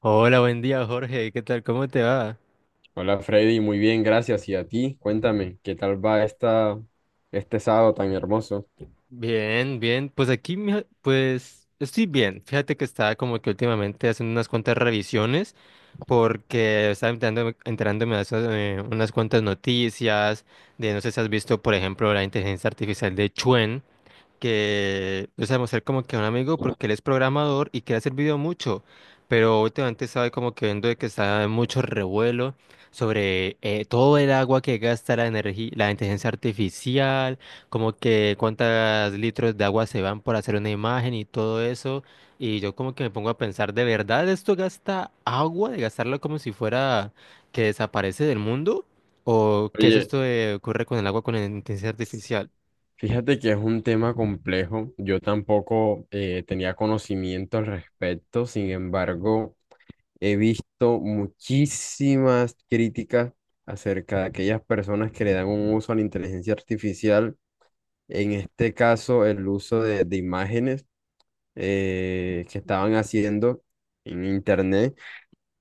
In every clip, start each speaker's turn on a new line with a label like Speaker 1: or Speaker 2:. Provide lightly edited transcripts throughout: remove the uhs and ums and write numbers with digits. Speaker 1: Hola, buen día, Jorge. ¿Qué tal? ¿Cómo te va?
Speaker 2: Hola Freddy, muy bien, gracias. ¿Y a ti? Cuéntame, ¿qué tal va este sábado tan hermoso?
Speaker 1: Bien, bien. Pues aquí, mija, pues estoy bien. Fíjate que estaba como que últimamente haciendo unas cuantas revisiones porque estaba enterándome de esas, unas cuantas noticias de, no sé si has visto, por ejemplo, la inteligencia artificial de Chuen. Que, o sea, mostrar como que a un amigo porque él es programador y que le ha servido mucho, pero últimamente estaba como que viendo de que está en mucho revuelo sobre todo el agua que gasta la energía, la inteligencia artificial, como que cuántos litros de agua se van por hacer una imagen y todo eso, y yo como que me pongo a pensar, ¿de verdad esto gasta agua? ¿De gastarlo como si fuera que desaparece del mundo? ¿O qué es
Speaker 2: Oye,
Speaker 1: esto de ocurre con el agua con la inteligencia artificial?
Speaker 2: fíjate que es un tema complejo. Yo tampoco tenía conocimiento al respecto. Sin embargo, he visto muchísimas críticas acerca de aquellas personas que le dan un uso a la inteligencia artificial, en este caso el uso de imágenes que estaban haciendo en internet.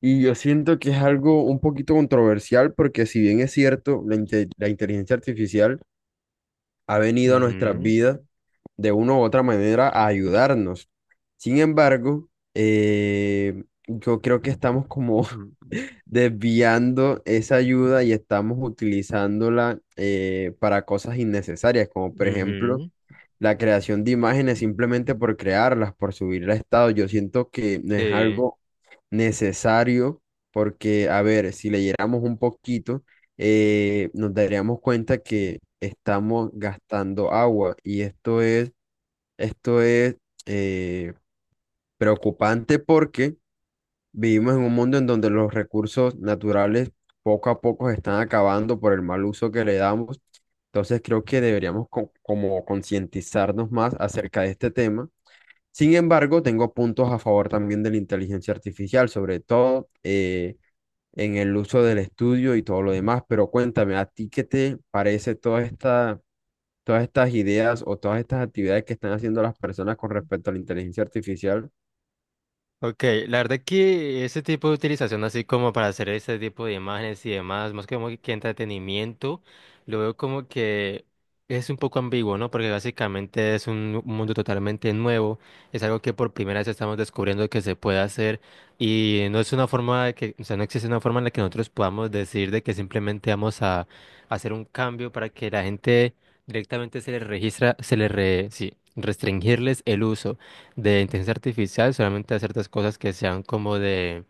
Speaker 2: Y yo siento que es algo un poquito controversial porque, si bien es cierto, la inteligencia artificial ha venido a nuestras
Speaker 1: Ujú.
Speaker 2: vidas, de una u otra manera, a ayudarnos. Sin embargo, yo creo que estamos como
Speaker 1: Ujú.
Speaker 2: desviando esa ayuda y estamos utilizándola, para cosas innecesarias, como por ejemplo
Speaker 1: Ujú.
Speaker 2: la creación de imágenes simplemente por crearlas, por subirla a estado. Yo siento que no es
Speaker 1: Sí.
Speaker 2: algo necesario porque, a ver, si leyéramos un poquito, nos daríamos cuenta que estamos gastando agua, y esto es eh, preocupante porque vivimos en un mundo en donde los recursos naturales poco a poco se están acabando por el mal uso que le damos. Entonces creo que deberíamos como concientizarnos más acerca de este tema. Sin embargo, tengo puntos a favor también de la inteligencia artificial, sobre todo en el uso del estudio y todo lo demás. Pero cuéntame, ¿a ti qué te parece todas estas ideas o todas estas actividades que están haciendo las personas con respecto a la inteligencia artificial?
Speaker 1: Ok, la verdad que ese tipo de utilización así como para hacer ese tipo de imágenes y demás, más que como que entretenimiento, lo veo como que es un poco ambiguo, ¿no? Porque básicamente es un mundo totalmente nuevo, es algo que por primera vez estamos descubriendo que se puede hacer y no es una forma de que, o sea, no existe una forma en la que nosotros podamos decir de que simplemente vamos a hacer un cambio para que la gente directamente se les registra, sí, restringirles el uso de inteligencia artificial, solamente a ciertas cosas que sean como de,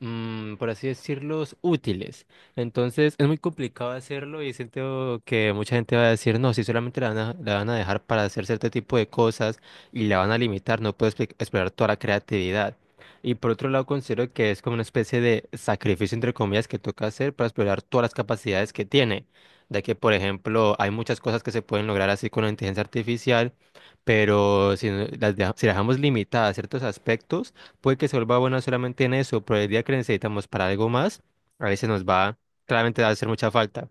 Speaker 1: por así decirlos, útiles. Entonces es muy complicado hacerlo y siento que mucha gente va a decir, no, si solamente la van a dejar para hacer cierto tipo de cosas y la van a limitar, no puedes explorar toda la creatividad. Y por otro lado, considero que es como una especie de sacrificio, entre comillas, que toca hacer para explorar todas las capacidades que tiene. De que, por ejemplo, hay muchas cosas que se pueden lograr así con la inteligencia artificial, pero si las dejamos limitadas a ciertos aspectos, puede que se vuelva buena solamente en eso, pero el día que necesitamos para algo más, a veces nos va, claramente va a hacer mucha falta.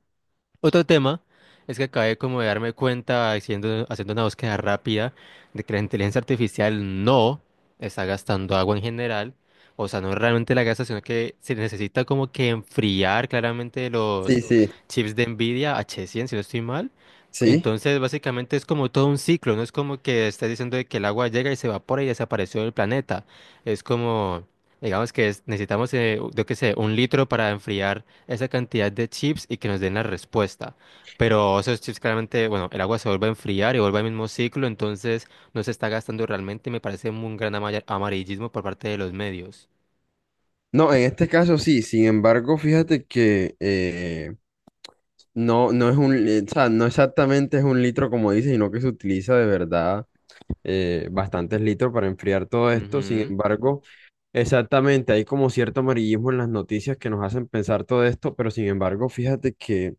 Speaker 1: Otro tema es que acabé como de darme cuenta haciendo, haciendo una búsqueda rápida de que la inteligencia artificial no está gastando agua en general. O sea, no realmente la gasta, sino que se necesita como que enfriar claramente los
Speaker 2: Sí, sí,
Speaker 1: chips de Nvidia H100, si no estoy mal.
Speaker 2: sí.
Speaker 1: Entonces, básicamente es como todo un ciclo, no es como que estás diciendo de que el agua llega y se evapora y desapareció del planeta. Es como, digamos que necesitamos, yo qué sé, un litro para enfriar esa cantidad de chips y que nos den la respuesta. Pero esos chips claramente, bueno, el agua se vuelve a enfriar y vuelve al mismo ciclo, entonces no se está gastando realmente y me parece un gran amarillismo por parte de los medios.
Speaker 2: No, en este caso sí. Sin embargo, fíjate que no, no es o sea, no exactamente es un litro como dice, sino que se utiliza de verdad bastantes litros para enfriar todo esto. Sin
Speaker 1: Ujú,
Speaker 2: embargo, exactamente, hay como cierto amarillismo en las noticias que nos hacen pensar todo esto. Pero sin embargo, fíjate que,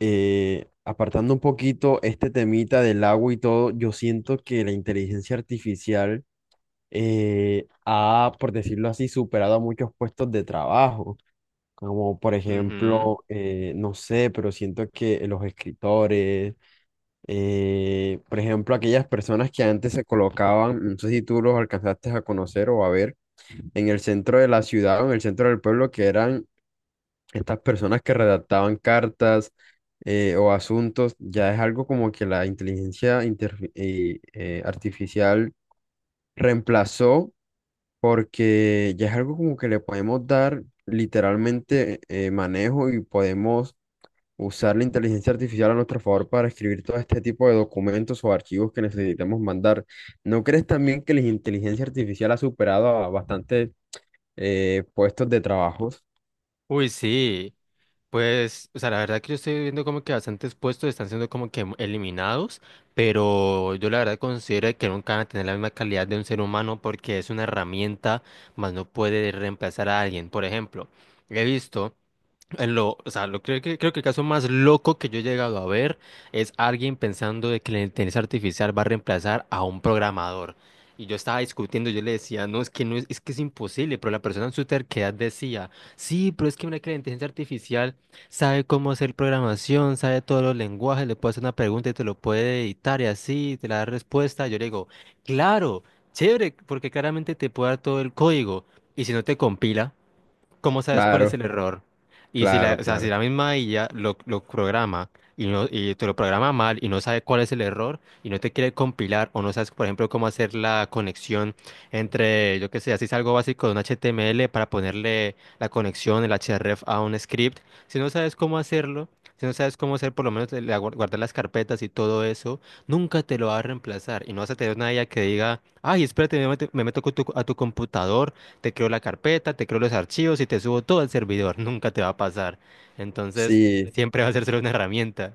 Speaker 2: apartando un poquito este temita del agua y todo, yo siento que la inteligencia artificial ha, por decirlo así, superado a muchos puestos de trabajo, como por
Speaker 1: ujú.
Speaker 2: ejemplo, no sé, pero siento que los escritores, por ejemplo, aquellas personas que antes se colocaban, no sé si tú los alcanzaste a conocer o a ver, en el centro de la ciudad o en el centro del pueblo, que eran estas personas que redactaban cartas, o asuntos. Ya es algo como que la inteligencia artificial reemplazó, porque ya es algo como que le podemos dar literalmente manejo y podemos usar la inteligencia artificial a nuestro favor para escribir todo este tipo de documentos o archivos que necesitemos mandar. ¿No crees también que la inteligencia artificial ha superado a bastantes puestos de trabajos?
Speaker 1: Uy, sí. Pues, o sea, la verdad que yo estoy viendo como que bastantes puestos están siendo como que eliminados, pero yo la verdad considero que nunca van a tener la misma calidad de un ser humano porque es una herramienta, más no puede reemplazar a alguien. Por ejemplo, he visto… en Lo, o sea, lo creo que el caso más loco que yo he llegado a ver es alguien pensando de que la inteligencia artificial va a reemplazar a un programador. Y yo estaba discutiendo, yo le decía, no, es que no es, es que es imposible, pero la persona en su terquedad decía, sí, pero es que mira que la inteligencia artificial sabe cómo hacer programación, sabe todos los lenguajes, le puede hacer una pregunta y te lo puede editar y así, te la da respuesta. Yo le digo, claro, chévere, porque claramente te puede dar todo el código. ¿Y si no te compila, cómo sabes cuál es
Speaker 2: Claro,
Speaker 1: el error? Y si la,
Speaker 2: claro,
Speaker 1: o sea, si
Speaker 2: claro.
Speaker 1: la misma IA lo programa y, no, y te lo programa mal y no sabe cuál es el error y no te quiere compilar o no sabes, por ejemplo, cómo hacer la conexión entre, yo qué sé, así es algo básico de un HTML para ponerle la conexión, el href a un script, si no sabes cómo hacerlo, si no sabes cómo hacer por lo menos guardar las carpetas y todo eso, nunca te lo va a reemplazar y no vas a tener una IA que diga, ay, espérate, me meto con a tu computador, te creo la carpeta, te creo los archivos y te subo todo al servidor. Nunca te va a pasar. Entonces,
Speaker 2: Sí,
Speaker 1: siempre va a ser solo una herramienta.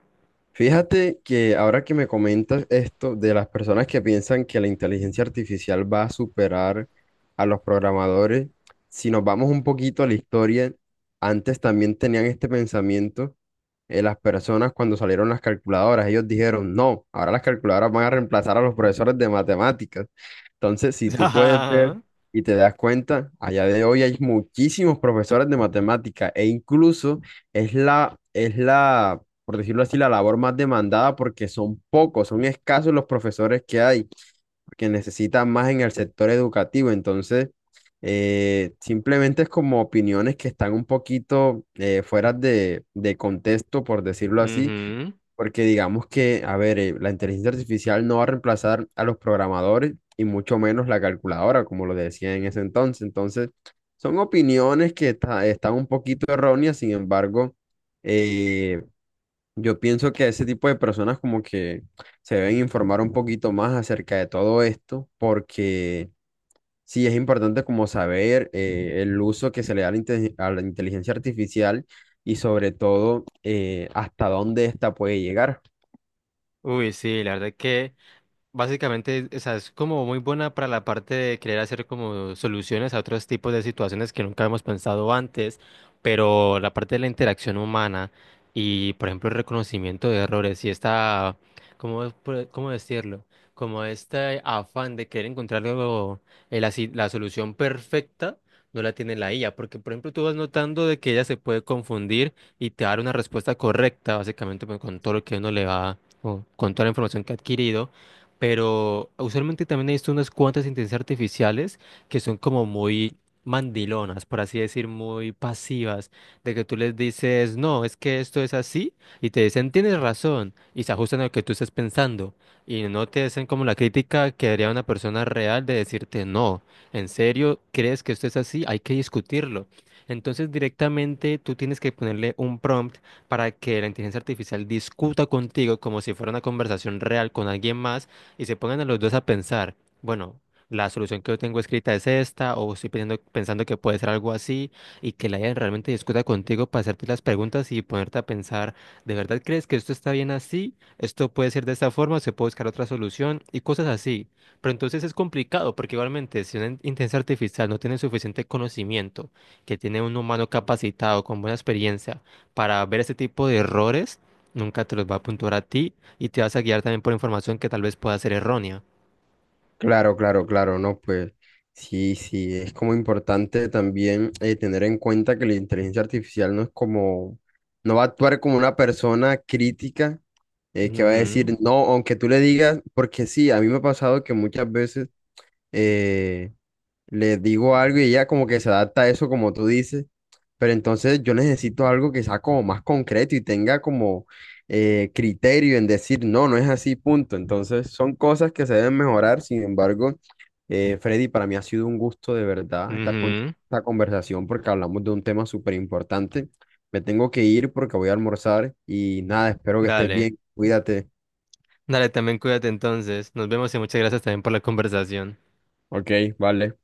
Speaker 2: fíjate que ahora que me comentas esto de las personas que piensan que la inteligencia artificial va a superar a los programadores, si nos vamos un poquito a la historia, antes también tenían este pensamiento las personas cuando salieron las calculadoras. Ellos dijeron, no, ahora las calculadoras van a reemplazar a los profesores de matemáticas. Entonces, si tú puedes ver
Speaker 1: Ajá.
Speaker 2: y te das cuenta, allá de hoy hay muchísimos profesores de matemática, e incluso es la por decirlo así, la labor más demandada, porque son pocos, son escasos los profesores que hay, que necesitan más en el sector educativo. Entonces, simplemente es como opiniones que están un poquito fuera de contexto, por decirlo así,
Speaker 1: Ujú.
Speaker 2: porque digamos que, a ver, la inteligencia artificial no va a reemplazar a los programadores, y mucho menos la calculadora, como lo decía en ese entonces. Entonces, son opiniones que están un poquito erróneas. Sin embargo, eh, yo pienso que ese tipo de personas como que se deben informar un poquito más acerca de todo esto, porque sí es importante como saber, el uso que se le da a la, a la inteligencia artificial, y sobre todo hasta dónde ésta puede llegar.
Speaker 1: Uy, sí, la verdad que básicamente, o sea, es como muy buena para la parte de querer hacer como soluciones a otros tipos de situaciones que nunca hemos pensado antes, pero la parte de la interacción humana y, por ejemplo, el reconocimiento de errores y esta, ¿cómo, cómo decirlo? Como este afán de querer encontrar luego la solución perfecta, no la tiene la IA, porque, por ejemplo, tú vas notando de que ella se puede confundir y te va a dar una respuesta correcta, básicamente, pues, con todo lo que uno le va, o con toda la información que ha adquirido, pero usualmente también he visto unas cuantas inteligencias artificiales que son como muy mandilonas, por así decir, muy pasivas, de que tú les dices, no, es que esto es así, y te dicen, tienes razón, y se ajustan a lo que tú estás pensando, y no te hacen como la crítica que haría una persona real de decirte, no, en serio, ¿crees que esto es así? Hay que discutirlo. Entonces directamente tú tienes que ponerle un prompt para que la inteligencia artificial discuta contigo como si fuera una conversación real con alguien más y se pongan a los dos a pensar, bueno, la solución que yo tengo escrita es esta, o estoy pensando que puede ser algo así, y que la IA realmente discuta contigo para hacerte las preguntas y ponerte a pensar, ¿de verdad crees que esto está bien así? ¿Esto puede ser de esta forma? ¿Se puede buscar otra solución? Y cosas así. Pero entonces es complicado, porque igualmente si una inteligencia artificial no tiene suficiente conocimiento, que tiene un humano capacitado con buena experiencia para ver ese tipo de errores, nunca te los va a apuntar a ti y te vas a guiar también por información que tal vez pueda ser errónea.
Speaker 2: Claro, claro, claro, no, pues sí, sí, es como importante también tener en cuenta que la inteligencia artificial no es como, no va a actuar como una persona crítica, que va a
Speaker 1: Ujú,
Speaker 2: decir, no, aunque tú le digas, porque sí. A mí me ha pasado que muchas veces, eh, les digo algo y ella como que se adapta a eso, como tú dices, pero entonces yo necesito algo que sea como más concreto y tenga como criterio en decir, no, no es así, punto. Entonces son cosas que se deben mejorar. Sin embargo, Freddy, para mí ha sido un gusto de verdad estar con
Speaker 1: ujú.
Speaker 2: esta conversación, porque hablamos de un tema súper importante. Me tengo que ir porque voy a almorzar y nada, espero que estés
Speaker 1: Dale,
Speaker 2: bien, cuídate.
Speaker 1: dale, también cuídate entonces. Nos vemos y muchas gracias también por la conversación.
Speaker 2: Ok, vale.